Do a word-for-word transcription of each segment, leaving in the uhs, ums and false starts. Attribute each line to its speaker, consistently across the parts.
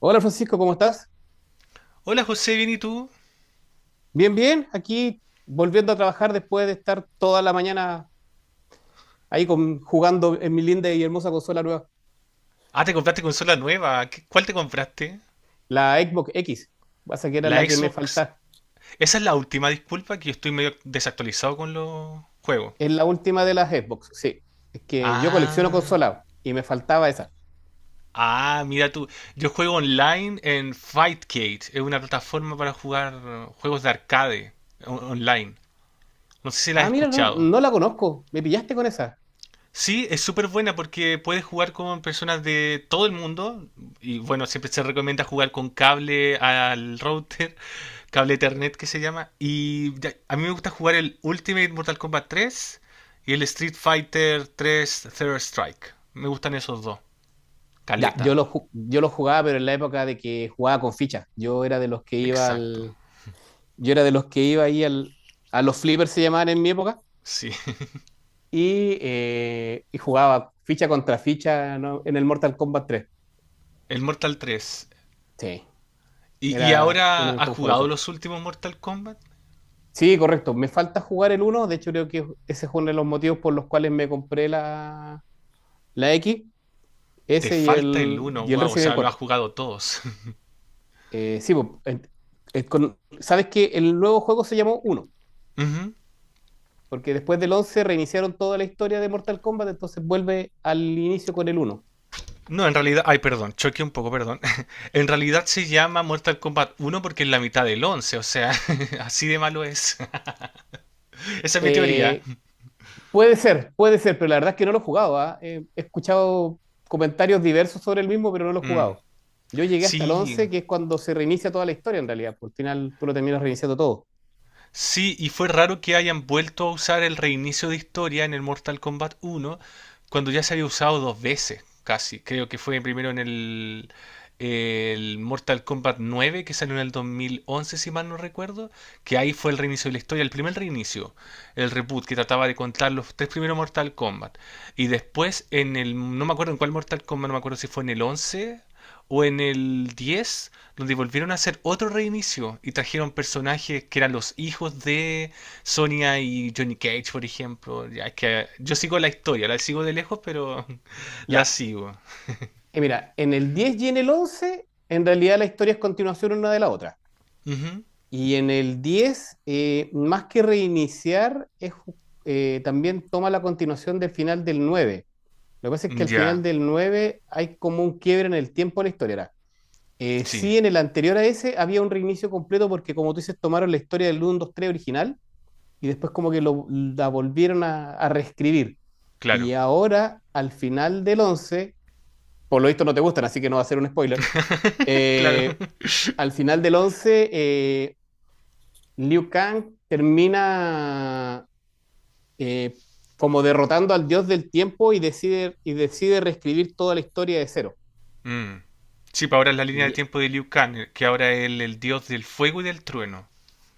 Speaker 1: Hola Francisco, ¿cómo estás?
Speaker 2: Hola José, ¿bien y tú?
Speaker 1: Bien, bien, aquí volviendo a trabajar después de estar toda la mañana ahí con, jugando en mi linda y hermosa consola nueva,
Speaker 2: Ah, te compraste consola nueva. ¿Qué- ¿Cuál te compraste?
Speaker 1: la Xbox X. Pasa que era
Speaker 2: La
Speaker 1: la que me
Speaker 2: Xbox.
Speaker 1: faltaba,
Speaker 2: Esa es la última, disculpa, que yo estoy medio desactualizado con los juegos.
Speaker 1: es la última de las Xbox, sí, es que yo colecciono
Speaker 2: Ah,
Speaker 1: consolas y me faltaba esa.
Speaker 2: ah, mira tú. Yo juego online en Fightcade. Es una plataforma para jugar eh, juegos de arcade on- online. No sé si la has
Speaker 1: Ah, mira, no,
Speaker 2: escuchado.
Speaker 1: no la conozco, me pillaste con esa.
Speaker 2: Sí, es súper buena porque puedes jugar con personas de todo el mundo y bueno, siempre se recomienda jugar con cable al router, cable Ethernet que se llama. Y ya- a mí me gusta jugar el Ultimate Mortal Kombat tres y el Street Fighter tres Third Strike. Me gustan esos dos.
Speaker 1: Ya, yo
Speaker 2: Caleta,
Speaker 1: lo, ju- yo lo jugaba, pero en la época de que jugaba con fichas, yo era de los que iba
Speaker 2: exacto.
Speaker 1: al, yo era de los que iba ahí al, a los flippers se llamaban en mi época.
Speaker 2: Sí,
Speaker 1: Y, eh, y jugaba ficha contra ficha, ¿no? En el Mortal Kombat tres.
Speaker 2: el Mortal tres.
Speaker 1: Sí,
Speaker 2: ¿Y, y
Speaker 1: era
Speaker 2: ahora
Speaker 1: uno de mis
Speaker 2: has
Speaker 1: juegos
Speaker 2: jugado
Speaker 1: favoritos.
Speaker 2: los últimos Mortal Kombat?
Speaker 1: Sí, correcto. Me falta jugar el uno. De hecho, creo que ese es uno de los motivos por los cuales me compré la, la X,
Speaker 2: Te
Speaker 1: ese y
Speaker 2: falta el
Speaker 1: el,
Speaker 2: uno,
Speaker 1: y el
Speaker 2: wow, o
Speaker 1: Resident Evil
Speaker 2: sea, lo has
Speaker 1: cuatro.
Speaker 2: jugado todos.
Speaker 1: Eh, sí, pues, eh, eh, con- sabes que el nuevo juego se llamó uno
Speaker 2: Ujú.
Speaker 1: porque después del once reiniciaron toda la historia de Mortal Kombat, entonces vuelve al inicio con el uno.
Speaker 2: No, en realidad, ay, perdón, choqué un poco, perdón. En realidad se llama Mortal Kombat uno porque es la mitad del once. O sea, así de malo es. Esa es mi teoría.
Speaker 1: Eh, Puede ser, puede ser, pero la verdad es que no lo he jugado, ¿ah? Eh, he escuchado comentarios diversos sobre el mismo, pero no lo he
Speaker 2: Mm.
Speaker 1: jugado. Yo llegué hasta el
Speaker 2: Sí.
Speaker 1: once, que es cuando se reinicia toda la historia en realidad, porque al final tú lo terminas reiniciando todo.
Speaker 2: Sí, y fue raro que hayan vuelto a usar el reinicio de historia en el Mortal Kombat uno, cuando ya se había usado dos veces, casi. Creo que fue primero en el, el Mortal Kombat nueve, que salió en el dos mil once, si mal no recuerdo, que ahí fue el reinicio de la historia, el primer reinicio, el reboot que trataba de contar los tres primeros Mortal Kombat. Y después en el, no me acuerdo en cuál Mortal Kombat, no me acuerdo si fue en el once. O en el diez donde volvieron a hacer otro reinicio y trajeron personajes que eran los hijos de Sonia y Johnny Cage, por ejemplo. Ya es que yo sigo la historia, la sigo de lejos, pero la
Speaker 1: Ya,
Speaker 2: sigo.
Speaker 1: Eh, mira, en el diez y en el once, en realidad la historia es continuación una de la otra.
Speaker 2: Ujú.
Speaker 1: Y en el diez, eh, más que reiniciar, es, eh, también toma la continuación del final del nueve. Lo que pasa es que al final
Speaker 2: Ya,
Speaker 1: del nueve hay como un quiebre en el tiempo de la historia, ¿verdad? Eh,
Speaker 2: sí,
Speaker 1: sí, en el anterior a ese había un reinicio completo porque, como tú dices, tomaron la historia del uno dos tres original y después como que lo, la volvieron a, a reescribir.
Speaker 2: claro,
Speaker 1: Y ahora, al final del once, por lo visto no te gustan, así que no va a ser un spoiler.
Speaker 2: claro.
Speaker 1: eh, al final del once, eh, Liu Kang termina, eh, como derrotando al dios del tiempo y decide, y decide, reescribir toda la historia de cero.
Speaker 2: Mm. Sí, para ahora es la línea de
Speaker 1: Y
Speaker 2: tiempo de Liu Kang, que ahora es el, el dios del fuego y del trueno.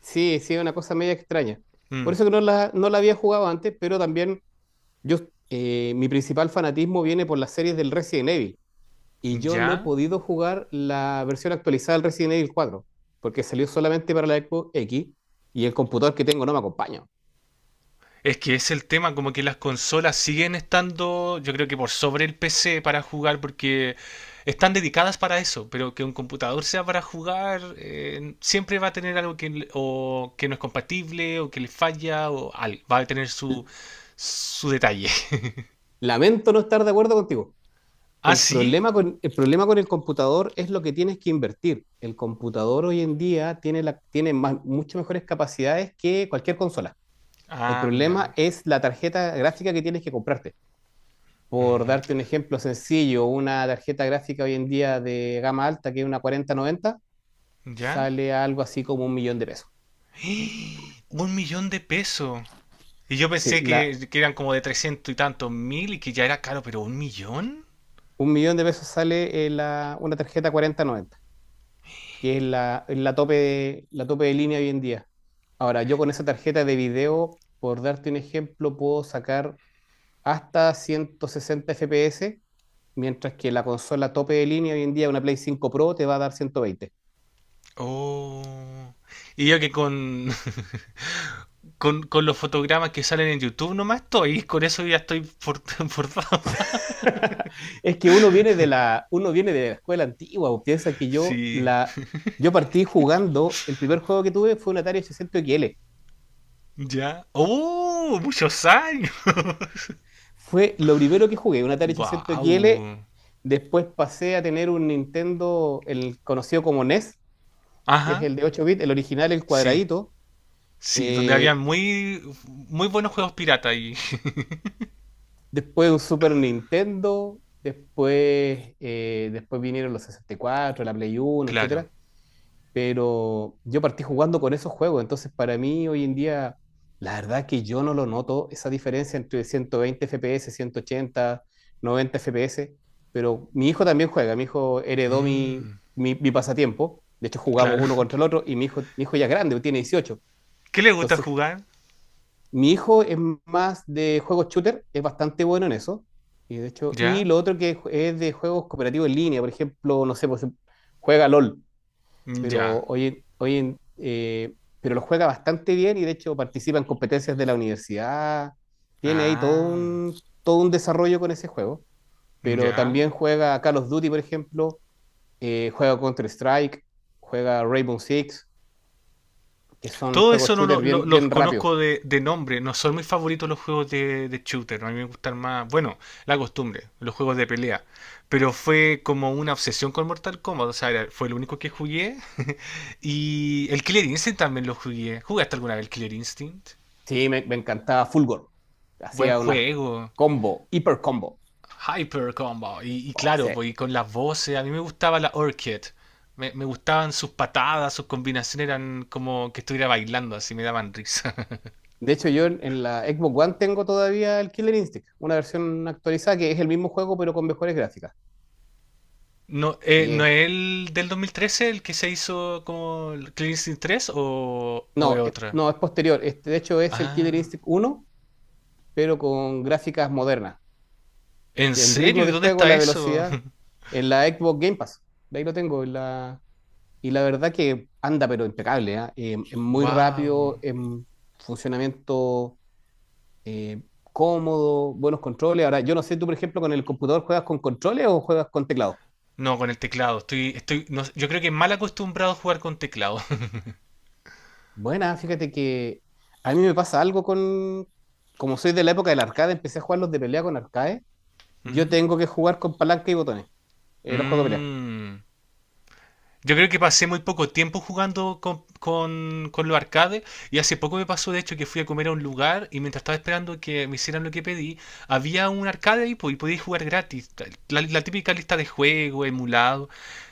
Speaker 1: Sí, sí, es una cosa media extraña.
Speaker 2: Mm.
Speaker 1: Por eso que no la, no la había jugado antes, pero también yo, eh, mi principal fanatismo viene por las series del Resident Evil. Y yo no he
Speaker 2: Ya.
Speaker 1: podido jugar la versión actualizada del Resident Evil cuatro porque salió solamente para la Xbox X y el computador que tengo no me acompaña.
Speaker 2: Es que es el tema, como que las consolas siguen estando, yo creo que por sobre el P C para jugar, porque están dedicadas para eso, pero que un computador sea para jugar, eh, siempre va a tener algo que, le- o que no es compatible, o que le falla, o al- va a tener su,
Speaker 1: L-
Speaker 2: su detalle.
Speaker 1: Lamento no estar de acuerdo contigo.
Speaker 2: ¿Ah,
Speaker 1: El
Speaker 2: sí?
Speaker 1: problema con, el problema con el computador es lo que tienes que invertir. El computador hoy en día tiene, la, tiene más- mucho mejores capacidades que cualquier consola. El
Speaker 2: Ah,
Speaker 1: problema
Speaker 2: mira.
Speaker 1: es la tarjeta gráfica que tienes que comprarte. Por
Speaker 2: Ujú.
Speaker 1: darte un ejemplo sencillo, una tarjeta gráfica hoy en día de gama alta, que es una cuarenta noventa,
Speaker 2: ¿Ya?
Speaker 1: sale a algo así como un millón de pesos.
Speaker 2: Un millón de pesos. Y yo
Speaker 1: Sí,
Speaker 2: pensé
Speaker 1: la,
Speaker 2: que, que eran como de trescientos y tantos mil y que ya era caro, pero un millón.
Speaker 1: un millón de pesos sale, eh, la- una tarjeta cuarenta noventa, que es la, es la tope de, la tope de línea hoy en día. Ahora, yo con esa tarjeta de video, por darte un ejemplo, puedo sacar hasta ciento sesenta F P S, mientras que la consola tope de línea hoy en día, una Play cinco Pro, te va a dar ciento veinte.
Speaker 2: Oh. Y yo que con, con, con los fotogramas que salen en YouTube nomás estoy, con eso ya estoy for- forzado.
Speaker 1: Es que uno viene de la, uno viene de la escuela antigua, o piensa que yo,
Speaker 2: Sí,
Speaker 1: la, yo partí jugando. El primer juego que tuve fue un Atari ochocientos X L.
Speaker 2: ya. ¡Oh! Muchos años.
Speaker 1: Fue lo primero que jugué, un Atari ochocientos X L.
Speaker 2: ¡Wow!
Speaker 1: Después pasé a tener un Nintendo, el conocido como NES, que es
Speaker 2: Ajá,
Speaker 1: el de ocho bits, el original, el
Speaker 2: sí,
Speaker 1: cuadradito.
Speaker 2: sí, donde había
Speaker 1: Eh,
Speaker 2: muy, muy buenos juegos pirata y...
Speaker 1: después un Super Nintendo, después, eh, después vinieron los sesenta y cuatro, la Play Uno,
Speaker 2: Claro.
Speaker 1: etcétera. Pero yo partí jugando con esos juegos, entonces para mí hoy en día, la verdad que yo no lo noto, esa diferencia entre ciento veinte F P S, ciento ochenta, noventa F P S. Pero mi hijo también juega, mi hijo heredó mi,
Speaker 2: Mm,
Speaker 1: mi, mi pasatiempo, de hecho jugamos
Speaker 2: claro.
Speaker 1: uno contra el otro. Y mi hijo, mi hijo ya es grande, tiene dieciocho,
Speaker 2: ¿Qué le gusta
Speaker 1: entonces
Speaker 2: jugar?
Speaker 1: mi hijo es más de juegos shooter, es bastante bueno en eso. Y de hecho, y
Speaker 2: ¿Ya?
Speaker 1: lo otro que es de juegos cooperativos en línea, por ejemplo, no sé, pues juega LOL, pero
Speaker 2: Ya.
Speaker 1: hoy, en- hoy en- eh, pero lo juega bastante bien y de hecho participa en competencias de la universidad. Tiene ahí todo
Speaker 2: Ah,
Speaker 1: un, todo un desarrollo con ese juego. Pero
Speaker 2: ya.
Speaker 1: también juega Call of Duty, por ejemplo, eh, juega Counter-Strike, juega Rainbow Six, que son
Speaker 2: Todo
Speaker 1: juegos
Speaker 2: eso no
Speaker 1: shooter
Speaker 2: lo, lo-
Speaker 1: bien,
Speaker 2: los
Speaker 1: bien rápidos.
Speaker 2: conozco de, de nombre. No son mis favoritos los juegos de, de shooter. A mí me gustan más, bueno, la costumbre, los juegos de pelea. Pero fue como una obsesión con Mortal Kombat. O sea, era- fue lo único que jugué. Y el Killer Instinct también lo jugué. ¿Jugaste alguna vez el Killer Instinct?
Speaker 1: Sí, me, me encantaba Fulgor.
Speaker 2: Buen
Speaker 1: Hacía una
Speaker 2: juego.
Speaker 1: combo, hiper combo.
Speaker 2: Hyper Combo. Y, y
Speaker 1: O
Speaker 2: claro,
Speaker 1: sea,
Speaker 2: pues, y con las voces. A mí me gustaba la Orchid. Me, me gustaban sus patadas, sus combinaciones eran como que estuviera bailando, así me daban risa.
Speaker 1: de hecho, yo en, en la Xbox One tengo todavía el Killer Instinct, una versión actualizada que es el mismo juego pero con mejores gráficas.
Speaker 2: No, eh,
Speaker 1: Y
Speaker 2: ¿no
Speaker 1: es-
Speaker 2: es el del dos mil trece el que se hizo como el Clean Instinct tres o, o es
Speaker 1: no, es-
Speaker 2: otra?
Speaker 1: no, es posterior. Este, de hecho, es el Killer
Speaker 2: Ah,
Speaker 1: Instinct uno pero con gráficas modernas.
Speaker 2: ¿en
Speaker 1: El
Speaker 2: serio?
Speaker 1: ritmo
Speaker 2: ¿Y
Speaker 1: de
Speaker 2: dónde
Speaker 1: juego,
Speaker 2: está
Speaker 1: la
Speaker 2: eso?
Speaker 1: velocidad, en la Xbox Game Pass. De ahí lo tengo. En la- y la verdad que anda, pero impecable, ¿ah? Eh, es muy
Speaker 2: Wow.
Speaker 1: rápido en funcionamiento, eh, cómodo, buenos controles. Ahora, yo no sé, tú, por ejemplo, con el computador, ¿juegas con controles o juegas con teclado?
Speaker 2: No, con el teclado. Estoy, estoy, no- yo creo que mal acostumbrado a jugar con teclado.
Speaker 1: Buena, fíjate que a mí me pasa algo con. Como soy de la época del arcade, empecé a jugar los de pelea con arcade. Yo
Speaker 2: Ujú.
Speaker 1: tengo que jugar con palanca y botones, eh, los juegos de pelea.
Speaker 2: Mm. Yo creo que pasé muy poco tiempo jugando con, con, con los arcades y hace poco me pasó de hecho que fui a comer a un lugar y mientras estaba esperando que me hicieran lo que pedí, había un arcade ahí po, y podía jugar gratis, la, la típica lista de juegos, emulado,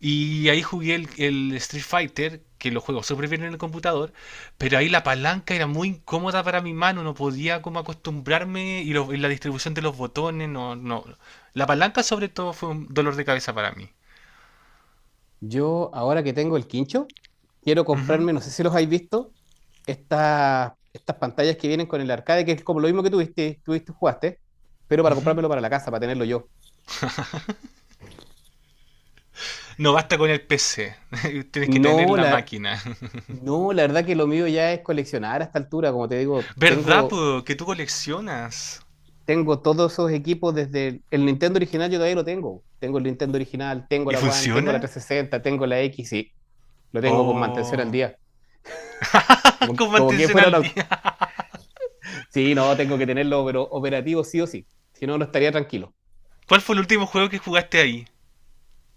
Speaker 2: y ahí jugué el, el Street Fighter, que lo juego súper bien en el computador, pero ahí la palanca era muy incómoda para mi mano, no podía como acostumbrarme y, lo- y la distribución de los botones, no, no. La palanca sobre todo fue un dolor de cabeza para mí.
Speaker 1: Yo, ahora que tengo el quincho, quiero
Speaker 2: Ujú,
Speaker 1: comprarme, no sé si los habéis visto, estas, estas pantallas que vienen con el arcade, que es como lo mismo que tuviste, tuviste, jugaste, pero para
Speaker 2: ujú.
Speaker 1: comprármelo para la casa, para tenerlo yo.
Speaker 2: No basta con el P C, tienes que tener
Speaker 1: No,
Speaker 2: la
Speaker 1: la,
Speaker 2: máquina.
Speaker 1: no, la verdad que lo mío ya es coleccionar. A esta altura, como te digo,
Speaker 2: ¿Verdad,
Speaker 1: tengo,
Speaker 2: po? Que tú coleccionas.
Speaker 1: tengo todos esos equipos desde el, el Nintendo original, yo todavía lo tengo. Tengo el Nintendo original, tengo
Speaker 2: ¿Y
Speaker 1: la One, tengo la
Speaker 2: funciona?
Speaker 1: trescientos sesenta, tengo la X, y lo tengo con mantención al
Speaker 2: Oh,
Speaker 1: día.
Speaker 2: con
Speaker 1: Como, como que
Speaker 2: mantención
Speaker 1: fuera un,
Speaker 2: al
Speaker 1: au-.
Speaker 2: día.
Speaker 1: Sí, no, tengo que tenerlo pero operativo sí o sí. Si no, no estaría tranquilo.
Speaker 2: ¿Cuál fue el último juego que jugaste ahí?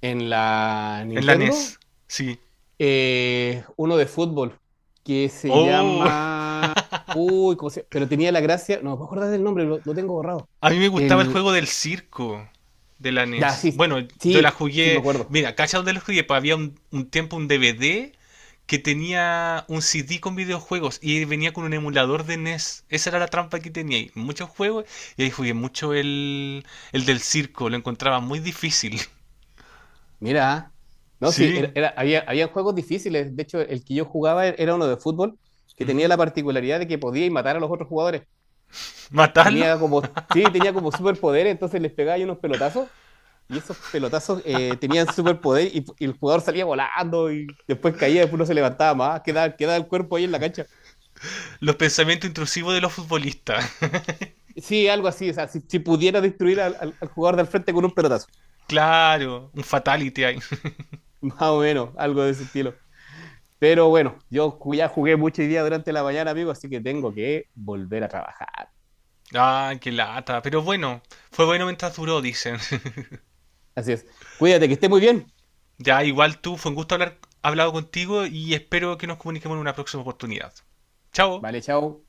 Speaker 1: En la
Speaker 2: En la
Speaker 1: Nintendo,
Speaker 2: N E S. Sí.
Speaker 1: eh, uno de fútbol que se
Speaker 2: Oh.
Speaker 1: llama. Uy, ¿cómo se- pero tenía la gracia. No me acuerdo del nombre, lo, lo tengo borrado.
Speaker 2: A mí me gustaba el
Speaker 1: El.
Speaker 2: juego del circo de la
Speaker 1: Ya,
Speaker 2: N E S.
Speaker 1: sí,
Speaker 2: Bueno, yo la
Speaker 1: sí, sí, me
Speaker 2: jugué.
Speaker 1: acuerdo.
Speaker 2: Mira, ¿cachai dónde la jugué? Pues había un, un tiempo un D V D que tenía un C D con videojuegos y venía con un emulador de N E S. Esa era la trampa que tenía ahí. Muchos juegos y ahí jugué mucho el, el del circo. Lo encontraba muy difícil.
Speaker 1: Mira, ¿ah? No, sí, era,
Speaker 2: Sí.
Speaker 1: era- había, había juegos difíciles. De hecho, el que yo jugaba e-, era uno de fútbol que tenía
Speaker 2: Ujú.
Speaker 1: la particularidad de que podía matar a los otros jugadores.
Speaker 2: ¿Matarlo?
Speaker 1: Tenía como, sí, tenía como superpoder, entonces les pegaba ahí unos pelotazos. Y esos pelotazos, eh, tenían superpoder y, y el jugador salía volando y después caía, después no se levantaba más, quedaba, quedaba el cuerpo ahí en la cancha.
Speaker 2: Los pensamientos intrusivos de los futbolistas.
Speaker 1: Sí, algo así, o sea, si, si pudiera destruir al, al- al jugador del frente con un pelotazo,
Speaker 2: Claro, un fatality ahí.
Speaker 1: más o menos, algo de ese estilo. Pero bueno, yo ju- ya jugué mucho hoy día durante la mañana, amigo, así que tengo que volver a trabajar.
Speaker 2: Ah, qué lata. Pero bueno, fue bueno mientras duró, dicen.
Speaker 1: Así es. Cuídate, que esté muy bien.
Speaker 2: Ya, igual tú, fue un gusto haber hablado contigo y espero que nos comuniquemos en una próxima oportunidad. Chao.
Speaker 1: Vale, chao.